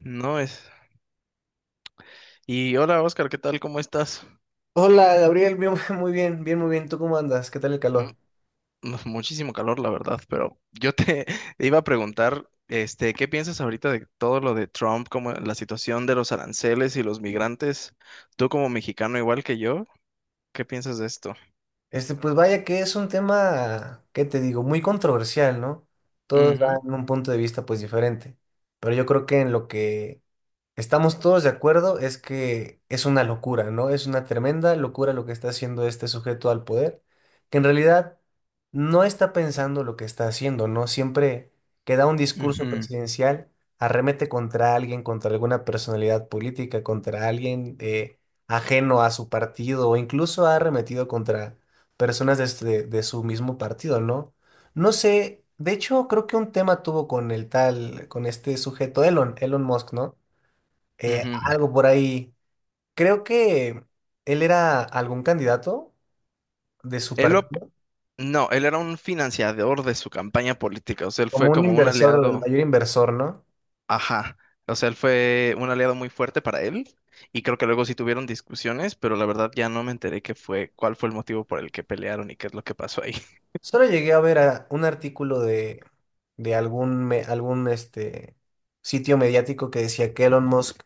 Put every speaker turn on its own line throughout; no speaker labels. No es. Y hola Oscar, ¿qué tal? ¿Cómo estás?
Hola Gabriel, bien, muy bien, bien, muy bien. ¿Tú cómo andas? ¿Qué tal el
Mm,
calor?
no, Muchísimo calor, la verdad, pero yo te iba a preguntar, ¿qué piensas ahorita de todo lo de Trump, como la situación de los aranceles y los migrantes? Tú como mexicano igual que yo, ¿qué piensas de esto?
Pues vaya que es un tema, ¿qué te digo? Muy controversial, ¿no? Todos
Ujú,
dan un punto de vista pues diferente, pero yo creo que en lo que estamos todos de acuerdo es que es una locura, ¿no? Es una tremenda locura lo que está haciendo este sujeto al poder, que en realidad no está pensando lo que está haciendo, ¿no? Siempre que da un discurso
ujú,
presidencial, arremete contra alguien, contra alguna personalidad política, contra alguien ajeno a su partido, o incluso ha arremetido contra personas de, de su mismo partido, ¿no? No sé, de hecho, creo que un tema tuvo con el tal, con este sujeto, Elon Musk, ¿no? Eh,
ujú.
algo por ahí. Creo que él era algún candidato de su
Él lo-
partido,
no, él era un financiador de su campaña política, o sea, él
como
fue
un
como un
inversor, el
aliado.
mayor inversor, ¿no?
Ajá, o sea, él fue un aliado muy fuerte para él y creo que luego sí tuvieron discusiones, pero la verdad ya no me enteré qué fue, cuál fue el motivo por el que pelearon y qué es lo que pasó ahí.
Solo llegué a ver un artículo de algún, algún sitio mediático que decía que Elon Musk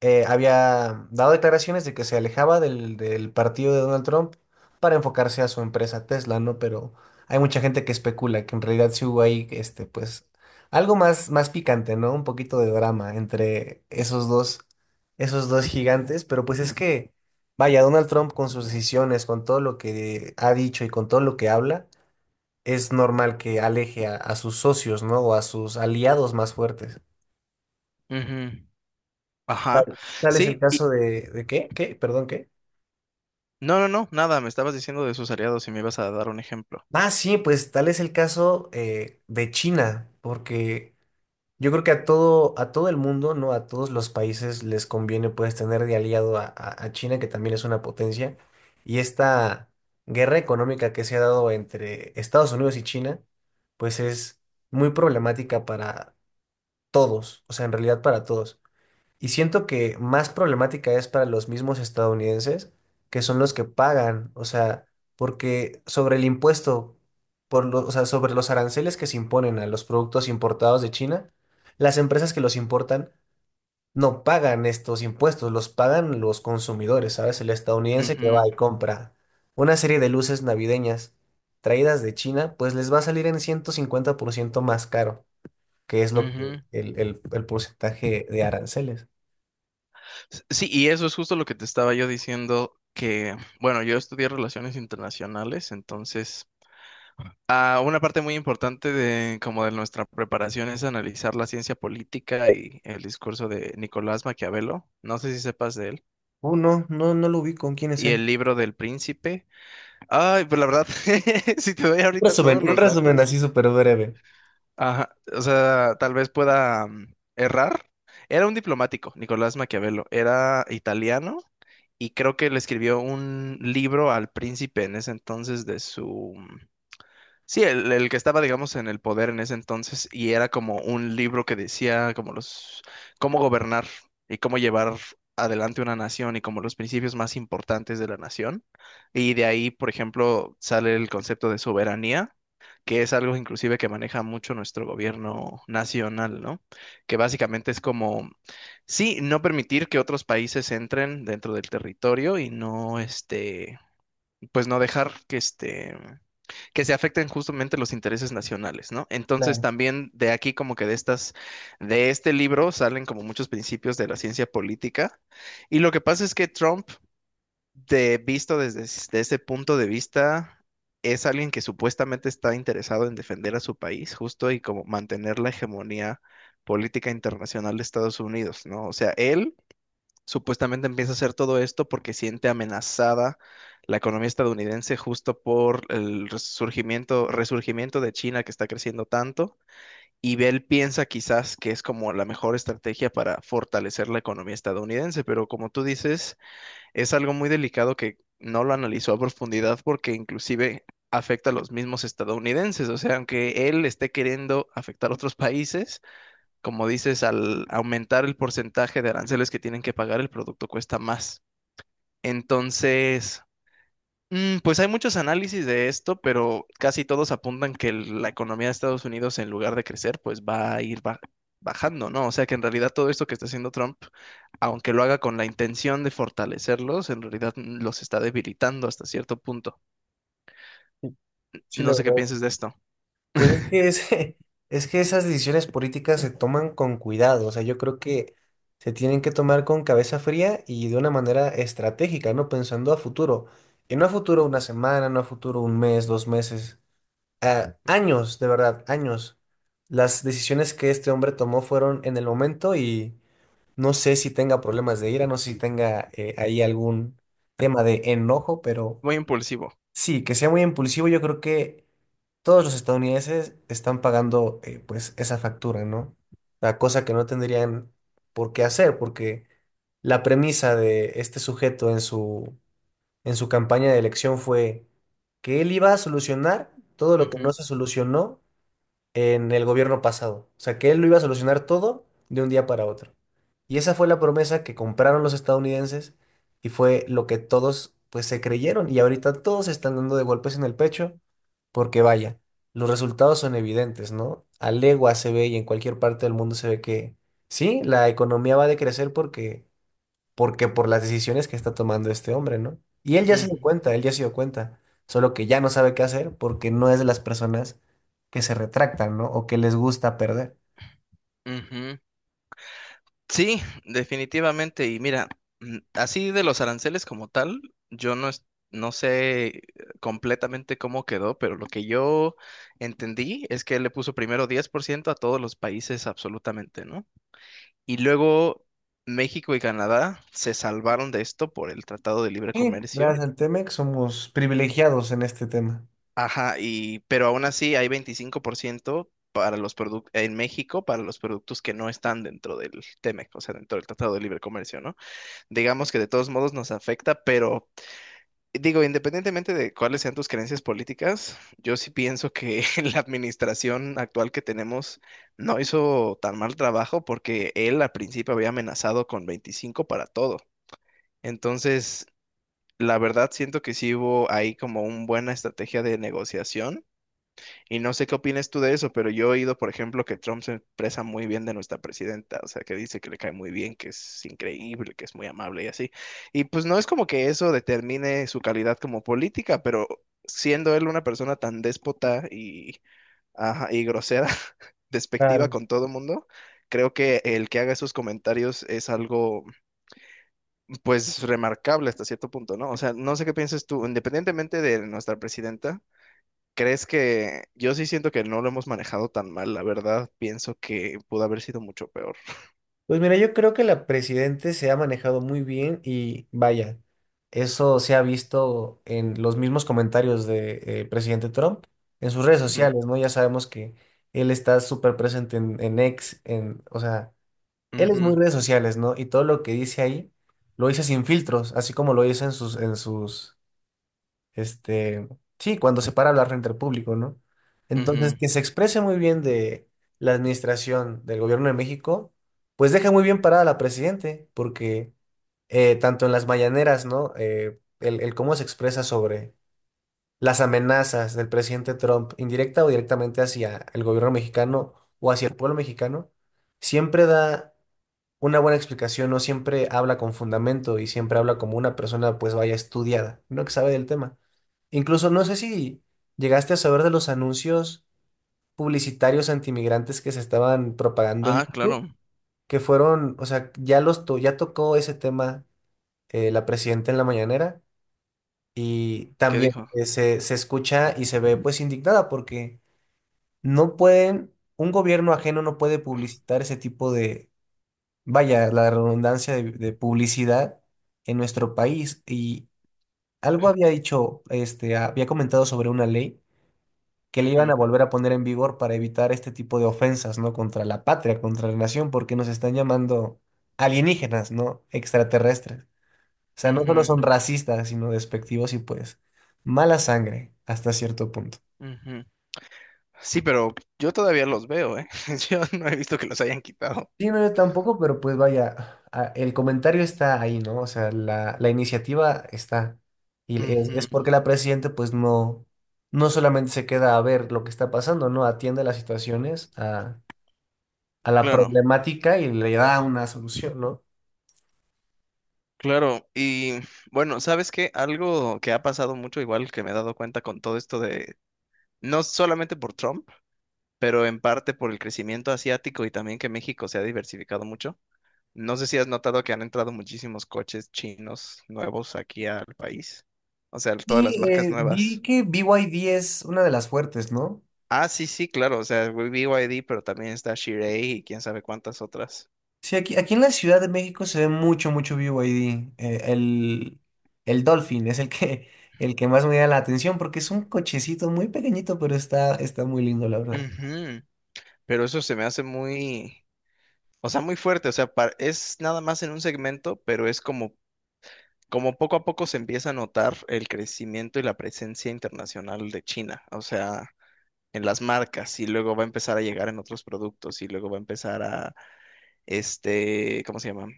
había dado declaraciones de que se alejaba del partido de Donald Trump para enfocarse a su empresa Tesla, ¿no? Pero hay mucha gente que especula que en realidad sí hubo ahí, pues, algo más, más picante, ¿no? Un poquito de drama entre esos dos gigantes, pero pues es que, vaya, Donald Trump con sus decisiones, con todo lo que ha dicho y con todo lo que habla, es normal que aleje a sus socios, ¿no? O a sus aliados más fuertes.
Ujú. Ajá,
Tal es el
sí, y
caso ¿de qué? ¿Qué? Perdón, ¿qué?
no, no, no, nada, me estabas diciendo de sus aliados y me ibas a dar un ejemplo.
Ah, sí, pues tal es el caso de China, porque yo creo que a todo el mundo, ¿no? A todos los países les conviene pues tener de aliado a China, que también es una potencia, y esta guerra económica que se ha dado entre Estados Unidos y China, pues es muy problemática para todos, o sea, en realidad para todos. Y siento que más problemática es para los mismos estadounidenses, que son los que pagan, o sea, porque sobre el impuesto, o sea, sobre los aranceles que se imponen a los productos importados de China, las empresas que los importan no pagan estos impuestos, los pagan los consumidores, ¿sabes? El estadounidense que va
Ujú,
y compra una serie de luces navideñas traídas de China, pues les va a salir en 150% más caro, que es lo que
ujú.
el porcentaje de aranceles.
Sí, y eso es justo lo que te estaba yo diciendo, que, bueno, yo estudié relaciones internacionales, entonces... Ah, una parte muy importante de como de nuestra preparación es analizar la ciencia política y el discurso de Nicolás Maquiavelo. No sé si sepas de él.
Oh, no, no, no lo ubico. ¿Quién es
Y
él?
el libro del príncipe. Ay, pues la verdad, si te doy ahorita todos
Un
los
resumen así
datos,
súper breve.
ajá, o sea, tal vez pueda errar. Era un diplomático, Nicolás Maquiavelo. Era italiano y creo que le escribió un libro al príncipe en ese entonces de su sí, el que estaba, digamos, en el poder en ese entonces y era como un libro que decía como los, cómo gobernar y cómo llevar adelante una nación y como los principios más importantes de la nación. Y de ahí, por ejemplo, sale el concepto de soberanía, que es algo inclusive que maneja mucho nuestro gobierno nacional, ¿no? Que básicamente es como, sí, no permitir que otros países entren dentro del territorio y no, este, pues no dejar que que se afecten justamente los intereses nacionales, ¿no? Entonces
Claro,
también de aquí como que de estas, de este libro salen como muchos principios de la ciencia política y lo que pasa es que Trump, de, visto desde, de ese punto de vista, es alguien que supuestamente está interesado en defender a su país justo y como mantener la hegemonía política internacional de Estados Unidos, ¿no? O sea, él supuestamente empieza a hacer todo esto porque siente amenazada la economía estadounidense justo por el resurgimiento, resurgimiento de China que está creciendo tanto. Y Bell piensa quizás que es como la mejor estrategia para fortalecer la economía estadounidense, pero como tú dices, es algo muy delicado que no lo analizó a profundidad porque inclusive afecta a los mismos estadounidenses. O sea, aunque él esté queriendo afectar a otros países, como dices, al aumentar el porcentaje de aranceles que tienen que pagar, el producto cuesta más. Entonces, pues hay muchos análisis de esto, pero casi todos apuntan que la economía de Estados Unidos, en lugar de crecer, pues va a ir bajando, ¿no? O sea que en realidad todo esto que está haciendo Trump, aunque lo haga con la intención de fortalecerlos, en realidad los está debilitando hasta cierto punto.
sí, sí,
No
la
sé qué
verdad es que.
pienses de
Sí.
esto.
Pues es que es que esas decisiones políticas se toman con cuidado. O sea, yo creo que se tienen que tomar con cabeza fría y de una manera estratégica, ¿no? Pensando a futuro. Y no a futuro una semana, no a futuro un mes, dos meses. A años, de verdad, años. Las decisiones que este hombre tomó fueron en el momento. No sé si tenga problemas de ira, no sé si tenga ahí algún tema de enojo, pero
Muy impulsivo.
sí, que sea muy impulsivo, yo creo que todos los estadounidenses están pagando pues esa factura, ¿no? La cosa que no tendrían por qué hacer, porque la premisa de este sujeto en su campaña de elección fue que él iba a solucionar todo lo que no
Ujú,
se solucionó en el gobierno pasado. O sea, que él lo iba a solucionar todo de un día para otro. Y esa fue la promesa que compraron los estadounidenses y fue lo que todos pues se creyeron y ahorita todos se están dando de golpes en el pecho porque vaya, los resultados son evidentes, ¿no? A legua se ve y en cualquier parte del mundo se ve que sí, la economía va a decrecer porque por las decisiones que está tomando este hombre, ¿no? Y él ya se dio
ujú,
cuenta, él ya se dio cuenta, solo que ya no sabe qué hacer porque no es de las personas que se retractan, ¿no? O que les gusta perder.
ujú. Sí, definitivamente. Y mira, así de los aranceles como tal, yo no, es- no sé completamente cómo quedó, pero lo que yo entendí es que él le puso primero 10% a todos los países absolutamente, ¿no? Y luego México y Canadá se salvaron de esto por el Tratado de Libre
Sí,
Comercio.
gracias al Temex somos privilegiados en este tema.
Ajá, y pero aún así hay 25% para los productos en México para los productos que no están dentro del TEMEC, o sea, dentro del Tratado de Libre Comercio, ¿no? Digamos que de todos modos nos afecta, pero digo, independientemente de cuáles sean tus creencias políticas, yo sí pienso que la administración actual que tenemos no hizo tan mal trabajo porque él al principio había amenazado con 25 para todo. Entonces, la verdad siento que sí hubo ahí como una buena estrategia de negociación y no sé qué opinas tú de eso, pero yo he oído, por ejemplo, que Trump se expresa muy bien de nuestra presidenta, o sea, que dice que le cae muy bien, que es increíble, que es muy amable y así. Y pues no es como que eso determine su calidad como política, pero siendo él una persona tan déspota y, ajá, y grosera, despectiva
Claro.
con todo el mundo, creo que el que haga esos comentarios es algo, pues, remarcable hasta cierto punto, ¿no? O sea, no sé qué piensas tú, independientemente de nuestra presidenta. ¿Crees que yo sí siento que no lo hemos manejado tan mal, la verdad, pienso que pudo haber sido mucho peor.
Pues mira, yo creo que la presidente se ha manejado muy bien y vaya, eso se ha visto en los mismos comentarios de presidente Trump en sus redes
Ujú,
sociales, ¿no? Ya sabemos que él está súper presente en X, en, o sea, él es muy
ujú,
redes sociales, ¿no? Y todo lo que dice ahí lo dice sin filtros, así como lo dice este, sí, cuando se para a hablar frente al público, ¿no? Entonces,
ujú.
que se exprese muy bien de la administración del gobierno de México, pues deja muy bien parada a la presidente, porque tanto en las mañaneras, ¿no? El cómo se expresa sobre las amenazas del presidente Trump, indirecta o directamente hacia el gobierno mexicano o hacia el pueblo mexicano, siempre da una buena explicación, no siempre habla con fundamento y siempre habla como una persona, pues vaya estudiada, no que sabe del tema. Incluso no sé si llegaste a saber de los anuncios publicitarios antimigrantes que se estaban propagando en
Ah,
YouTube,
claro.
que fueron, o sea, ya tocó ese tema la presidenta en la mañanera y
¿Y qué
también
dijo?
se escucha y se ve pues indignada porque no pueden, un gobierno ajeno no puede publicitar ese tipo de, vaya, la redundancia de publicidad en nuestro país. Y algo había dicho, había comentado sobre una ley que le iban
Ujú,
a volver a poner en vigor para evitar este tipo de ofensas, ¿no? Contra la patria, contra la nación, porque nos están llamando alienígenas, ¿no? Extraterrestres. O sea, no solo
ujú,
son racistas, sino despectivos y pues mala sangre hasta cierto punto.
ujú, sí, pero yo todavía los veo, ¿eh? Yo no he visto que los hayan quitado.
Sí, no, yo tampoco, pero pues vaya, el comentario está ahí, ¿no? O sea, la iniciativa está. Y es
Ujú.
porque la presidenta pues no, no solamente se queda a ver lo que está pasando, ¿no? Atiende las situaciones, a la
Claro,
problemática y le da una solución, ¿no?
claro. Y bueno, ¿sabes qué? Algo que ha pasado mucho, igual que me he dado cuenta con todo esto de, no solamente por Trump, pero en parte por el crecimiento asiático y también que México se ha diversificado mucho. No sé si has notado que han entrado muchísimos coches chinos nuevos aquí al país. O sea, todas las
Y
marcas
vi
nuevas.
que BYD es una de las fuertes, ¿no?
Ah, sí, sí, claro. O sea, B y BYD, pero también está Chery y quién sabe cuántas otras.
Sí, aquí, aquí en la Ciudad de México se ve mucho, mucho BYD. El Dolphin es el que, el que más me da la atención porque es un cochecito muy pequeñito, pero está, está muy lindo, la verdad.
Ujú. Pero eso se me hace muy, o sea, muy fuerte. O sea, es nada más en un segmento, pero es como, como poco a poco se empieza a notar el crecimiento y la presencia internacional de China. O sea, en las marcas y luego va a empezar a llegar en otros productos y luego va a empezar a este, ¿cómo se llama?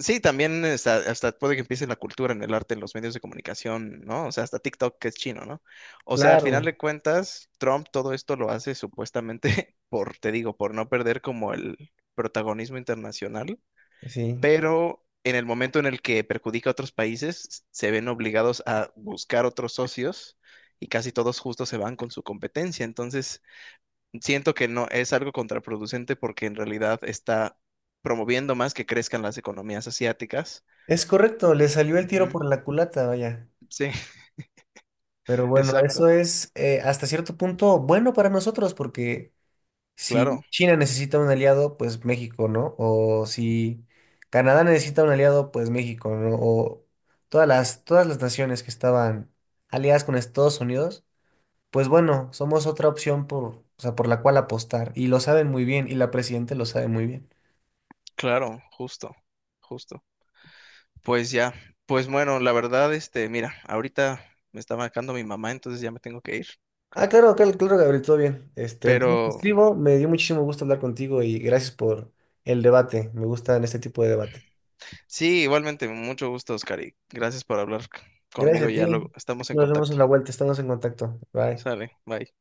Sí, también hasta puede que empiece en la cultura, en el arte, en los medios de comunicación, ¿no? O sea, hasta TikTok que es chino, ¿no? O sea, al final
Claro.
de cuentas, Trump todo esto lo hace supuestamente por, te digo, por no perder como el protagonismo internacional,
Sí.
pero en el momento en el que perjudica a otros países, se ven obligados a buscar otros socios y casi todos justo se van con su competencia. Entonces, siento que no es algo contraproducente porque en realidad está promoviendo más que crezcan las economías asiáticas.
Es correcto, le salió el tiro
Ujú.
por la culata, vaya.
Sí,
Pero bueno, eso
exacto.
es hasta cierto punto bueno para nosotros porque si
Claro,
China necesita un aliado, pues México, ¿no? O si Canadá necesita un aliado, pues México, ¿no? O todas las naciones que estaban aliadas con Estados Unidos, pues bueno, somos otra opción por, o sea, por la cual apostar. Y lo saben muy bien, y la presidenta lo sabe muy bien.
claro, justo, justo. Pues ya, pues bueno, la verdad, este, mira, ahorita me está marcando mi mamá, entonces ya me tengo que ir.
Ah, claro, claro, claro, Gabriel, todo bien. Entonces te
Pero
escribo, me dio muchísimo gusto hablar contigo y gracias por el debate. Me gustan este tipo de debate.
sí, igualmente, mucho gusto, Oscar, y gracias por hablar conmigo,
Gracias a ti.
ya luego estamos en
Nos vemos
contacto.
en la vuelta, estamos en contacto. Bye.
Sale, bye.